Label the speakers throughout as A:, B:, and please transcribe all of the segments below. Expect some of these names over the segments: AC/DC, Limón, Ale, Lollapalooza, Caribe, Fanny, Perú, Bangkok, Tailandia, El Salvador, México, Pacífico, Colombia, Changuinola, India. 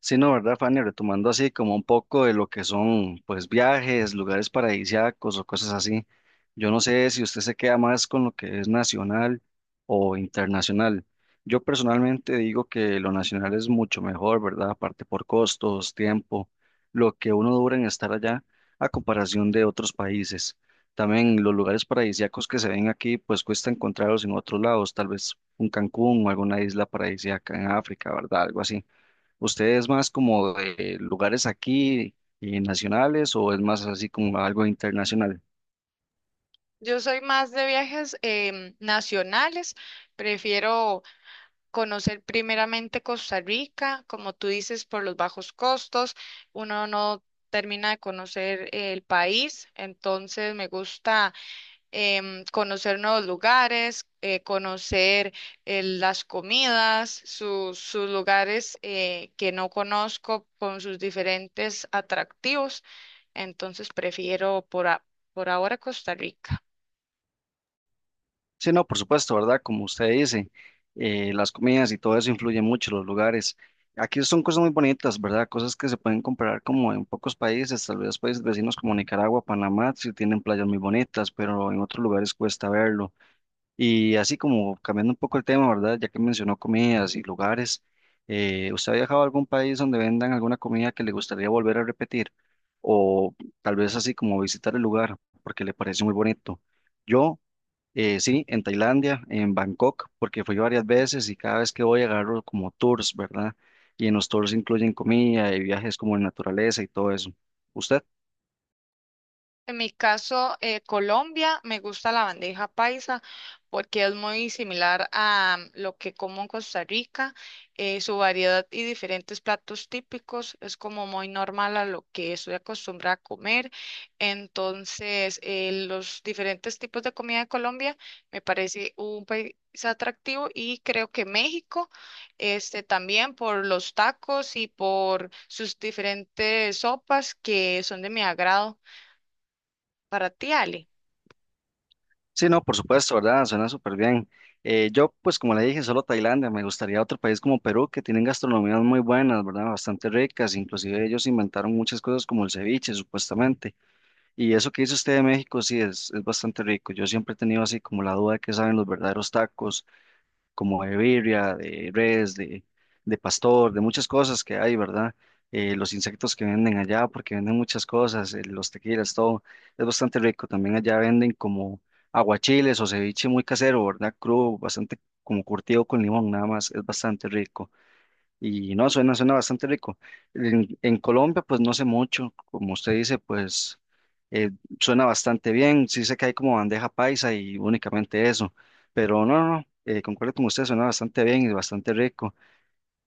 A: Sí, no, ¿verdad, Fanny? Retomando así como un poco de lo que son, pues, viajes, lugares paradisíacos o cosas así. Yo no sé si usted se queda más con lo que es nacional o internacional. Yo personalmente digo que lo nacional es mucho mejor, ¿verdad? Aparte por costos, tiempo, lo que uno dura en estar allá a comparación de otros países. También los lugares paradisíacos que se ven aquí, pues cuesta encontrarlos en otros lados, tal vez un Cancún o alguna isla paradisíaca en África, ¿verdad? Algo así. ¿Usted es más como de lugares aquí nacionales o es más así como algo internacional?
B: Yo soy más de viajes nacionales, prefiero conocer primeramente Costa Rica, como tú dices, por los bajos costos, uno no termina de conocer el país, entonces me gusta conocer nuevos lugares, conocer las comidas, sus lugares que no conozco con sus diferentes atractivos, entonces prefiero por ahora Costa Rica.
A: Sí, no, por supuesto, ¿verdad? Como usted dice, las comidas y todo eso influye mucho, los lugares. Aquí son cosas muy bonitas, ¿verdad? Cosas que se pueden comparar como en pocos países, tal vez países vecinos como Nicaragua, Panamá, sí tienen playas muy bonitas, pero en otros lugares cuesta verlo. Y así como cambiando un poco el tema, ¿verdad? Ya que mencionó comidas y lugares, ¿usted ha viajado a algún país donde vendan alguna comida que le gustaría volver a repetir? O tal vez así como visitar el lugar porque le parece muy bonito. Yo, sí, en Tailandia, en Bangkok, porque fui varias veces y cada vez que voy agarro como tours, ¿verdad? Y en los tours incluyen comida y viajes como en naturaleza y todo eso. ¿Usted?
B: En mi caso, Colombia, me gusta la bandeja paisa porque es muy similar a lo que como en Costa Rica. Eh, su variedad y diferentes platos típicos es como muy normal a lo que estoy acostumbrada a comer. Entonces, los diferentes tipos de comida de Colombia me parece un país atractivo y creo que México, este, también por los tacos y por sus diferentes sopas que son de mi agrado. Para ti, Ale.
A: Sí, no, por supuesto, ¿verdad? Suena súper bien. Yo, pues como le dije, solo Tailandia, me gustaría otro país como Perú, que tienen gastronomías muy buenas, ¿verdad? Bastante ricas, inclusive ellos inventaron muchas cosas como el ceviche, supuestamente. Y eso que dice usted de México, sí, es bastante rico. Yo siempre he tenido así como la duda de qué saben los verdaderos tacos, como de birria, de res, de pastor, de muchas cosas que hay, ¿verdad? Los insectos que venden allá, porque venden muchas cosas, los tequilas, todo, es bastante rico. También allá venden como aguachiles o ceviche muy casero, ¿verdad? Crudo, bastante como curtido con limón, nada más, es bastante rico. Y no, suena, suena bastante rico. En Colombia, pues no sé mucho, como usted dice, pues eh, suena bastante bien. Sí sé que hay como bandeja paisa y únicamente eso, pero no, no, no, concuerdo con usted, suena bastante bien y bastante rico.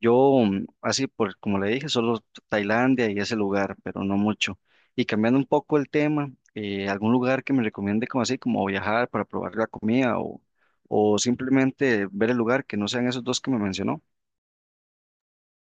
A: Yo, así, por, como le dije, solo Tailandia y ese lugar, pero no mucho. Y cambiando un poco el tema, algún lugar que me recomiende como así, como viajar para probar la comida o simplemente ver el lugar que no sean esos dos que me mencionó.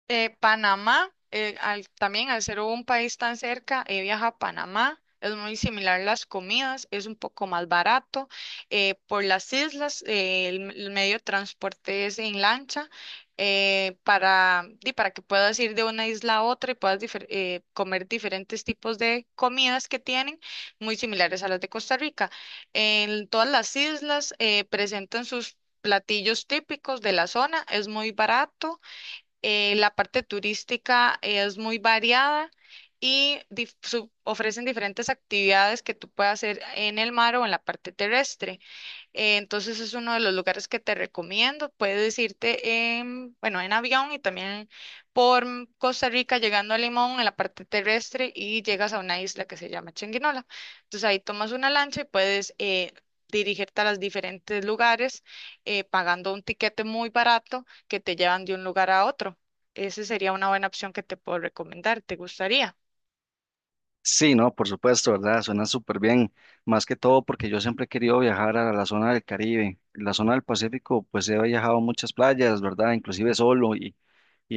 B: Panamá, también al ser un país tan cerca, he viajado a Panamá. Es muy similar las comidas, es un poco más barato. Por las islas, el medio de transporte es en lancha para que puedas ir de una isla a otra y puedas comer diferentes tipos de comidas que tienen, muy similares a las de Costa Rica. En todas las islas presentan sus platillos típicos de la zona, es muy barato. La parte turística es muy variada y ofrecen diferentes actividades que tú puedes hacer en el mar o en la parte terrestre. Entonces es uno de los lugares que te recomiendo. Puedes irte en, bueno, en avión y también por Costa Rica llegando a Limón en la parte terrestre y llegas a una isla que se llama Changuinola. Entonces ahí tomas una lancha y puedes dirigirte a los diferentes lugares pagando un tiquete muy barato que te llevan de un lugar a otro. Esa sería una buena opción que te puedo recomendar. ¿Te gustaría?
A: Sí, no, por supuesto, ¿verdad? Suena súper bien. Más que todo porque yo siempre he querido viajar a la zona del Caribe. La zona del Pacífico, pues he viajado a muchas playas, ¿verdad? Inclusive solo y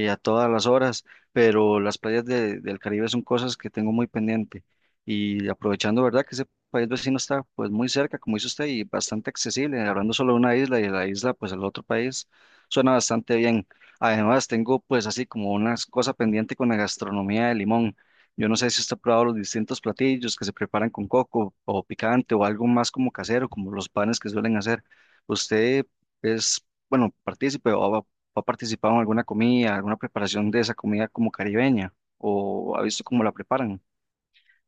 A: a todas las horas, pero las playas del Caribe son cosas que tengo muy pendiente. Y aprovechando, ¿verdad? Que ese país vecino está pues muy cerca, como dice usted, y bastante accesible, hablando solo de una isla y de la isla pues al otro país, suena bastante bien. Además, tengo pues así como una cosa pendiente con la gastronomía de Limón. Yo no sé si usted ha probado los distintos platillos que se preparan con coco o picante o algo más como casero, como los panes que suelen hacer. ¿Usted es, bueno, partícipe ¿O ha participado en alguna comida, alguna preparación de esa comida como caribeña? ¿O ha visto cómo la preparan?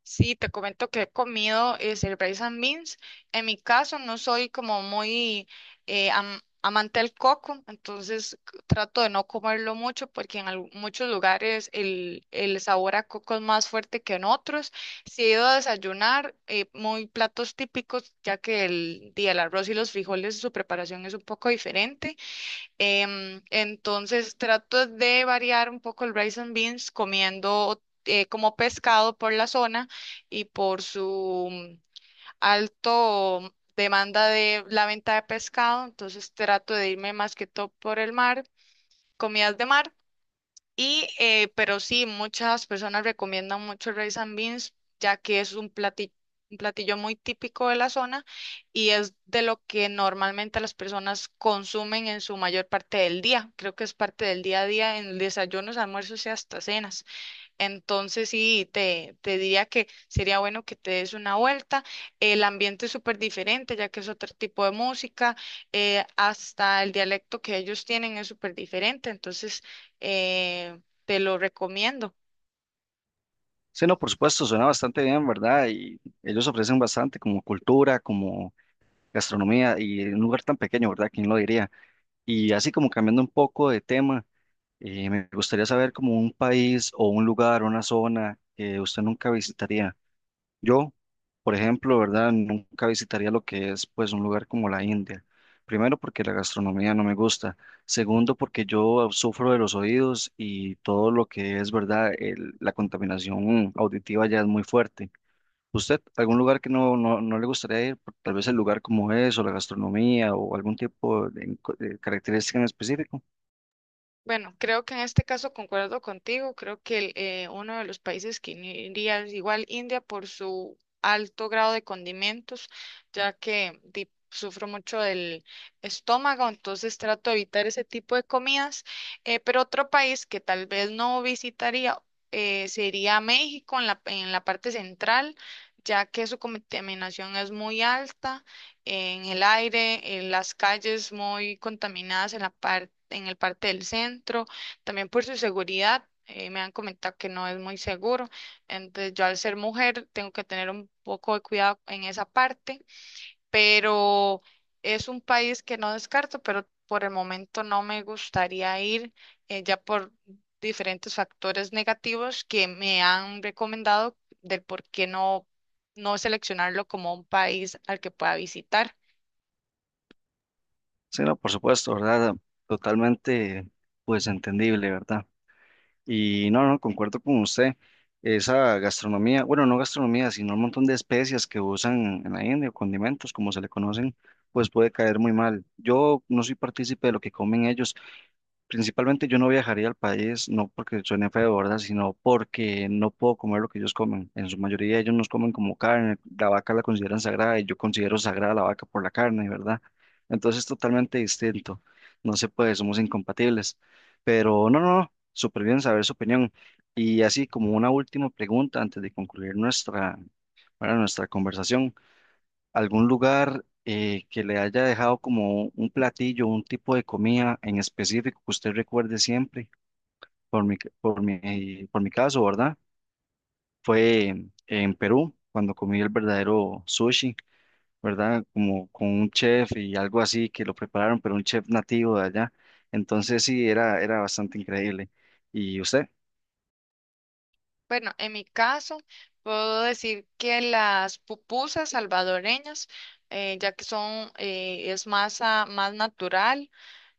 B: Sí, te comento que he comido rice and beans. En mi caso, no soy como muy amante del coco, entonces trato de no comerlo mucho porque en muchos lugares el sabor a coco es más fuerte que en otros. Si he ido a desayunar, muy platos típicos, ya que día el arroz y los frijoles, su preparación es un poco diferente. Entonces trato de variar un poco el rice and beans comiendo como pescado por la zona y por su alto demanda de la venta de pescado. Entonces trato de irme más que todo por el mar, comidas de mar. Y, pero sí, muchas personas recomiendan mucho el rice and beans, ya que es un platillo muy típico de la zona y es de lo que normalmente las personas consumen en su mayor parte del día. Creo que es parte del día a día en desayunos, almuerzos y hasta cenas. Entonces sí, te diría que sería bueno que te des una vuelta. El ambiente es súper diferente, ya que es otro tipo de música. Hasta el dialecto que ellos tienen es súper diferente. Entonces, eh, te lo recomiendo.
A: Sí, no, por supuesto, suena bastante bien, ¿verdad? Y ellos ofrecen bastante como cultura, como gastronomía y en un lugar tan pequeño, ¿verdad? ¿Quién lo diría? Y así como cambiando un poco de tema, me gustaría saber como un país o un lugar, una zona que usted nunca visitaría. Yo, por ejemplo, ¿verdad? Nunca visitaría lo que es pues un lugar como la India. Primero porque la gastronomía no me gusta. Segundo porque yo sufro de los oídos y todo lo que es, ¿verdad? La contaminación auditiva ya es muy fuerte. ¿Usted, algún lugar que no, no, no le gustaría ir? Tal vez el lugar como es o la gastronomía o algún tipo de característica en específico.
B: Bueno, creo que en este caso concuerdo contigo. Creo que uno de los países que iría es igual India por su alto grado de condimentos, ya que sufro mucho del estómago, entonces trato de evitar ese tipo de comidas. Pero otro país que tal vez no visitaría sería México en en la parte central, ya que su contaminación es muy alta en el aire, en las calles muy contaminadas en en el parte del centro, también por su seguridad. Me han comentado que no es muy seguro, entonces yo al ser mujer tengo que tener un poco de cuidado en esa parte, pero es un país que no descarto, pero por el momento no me gustaría ir ya por diferentes factores negativos que me han recomendado del por qué no seleccionarlo como un país al que pueda visitar.
A: Sí, no, por supuesto, ¿verdad? Totalmente pues entendible, ¿verdad? Y no, no, concuerdo con usted. Esa gastronomía, bueno, no gastronomía, sino un montón de especias que usan en la India o condimentos, como se le conocen, pues puede caer muy mal. Yo no soy partícipe de lo que comen ellos. Principalmente yo no viajaría al país, no porque suene feo, ¿verdad? Sino porque no puedo comer lo que ellos comen. En su mayoría ellos nos comen como carne, la vaca la consideran sagrada y yo considero sagrada la vaca por la carne, ¿verdad? Entonces es totalmente distinto. No se puede, somos incompatibles. Pero no, no, no, súper bien saber su opinión. Y así como una última pregunta antes de concluir nuestra, bueno, nuestra conversación algún lugar que le haya dejado como un platillo, un tipo de comida en específico que usted recuerde siempre, por mi caso, ¿verdad? Fue en Perú, cuando comí el verdadero sushi, ¿verdad? Como con un chef y algo así que lo prepararon, pero un chef nativo de allá. Entonces sí, era, era bastante increíble. ¿Y usted?
B: Bueno, en mi caso, puedo decir que las pupusas salvadoreñas, ya que es masa más natural,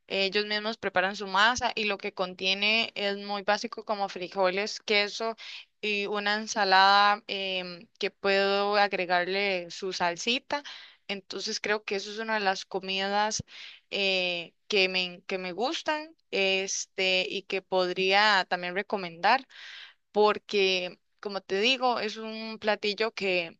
B: ellos mismos preparan su masa y lo que contiene es muy básico como frijoles, queso y una ensalada que puedo agregarle su salsita. Entonces creo que eso es una de las comidas que me gustan, este, y que podría también recomendar porque, como te digo, es un platillo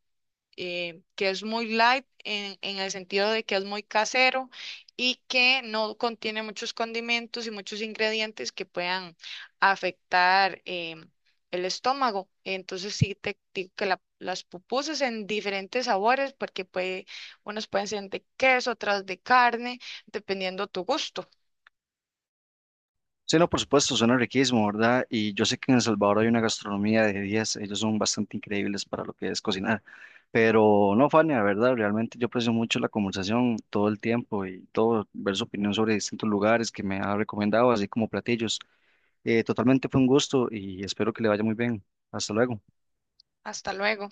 B: que es muy light en el sentido de que es muy casero y que no contiene muchos condimentos y muchos ingredientes que puedan afectar el estómago. Entonces sí te digo que las pupusas en diferentes sabores, porque puede, unas pueden ser de queso, otras de carne, dependiendo tu gusto.
A: Sí, no, por supuesto, suena riquísimo, ¿verdad? Y yo sé que en El Salvador hay una gastronomía de 10, ellos son bastante increíbles para lo que es cocinar. Pero no, Fanny, la verdad, realmente yo aprecio mucho la conversación todo el tiempo y todo, ver su opinión sobre distintos lugares que me ha recomendado, así como platillos. Totalmente fue un gusto y espero que le vaya muy bien. Hasta luego.
B: Hasta luego.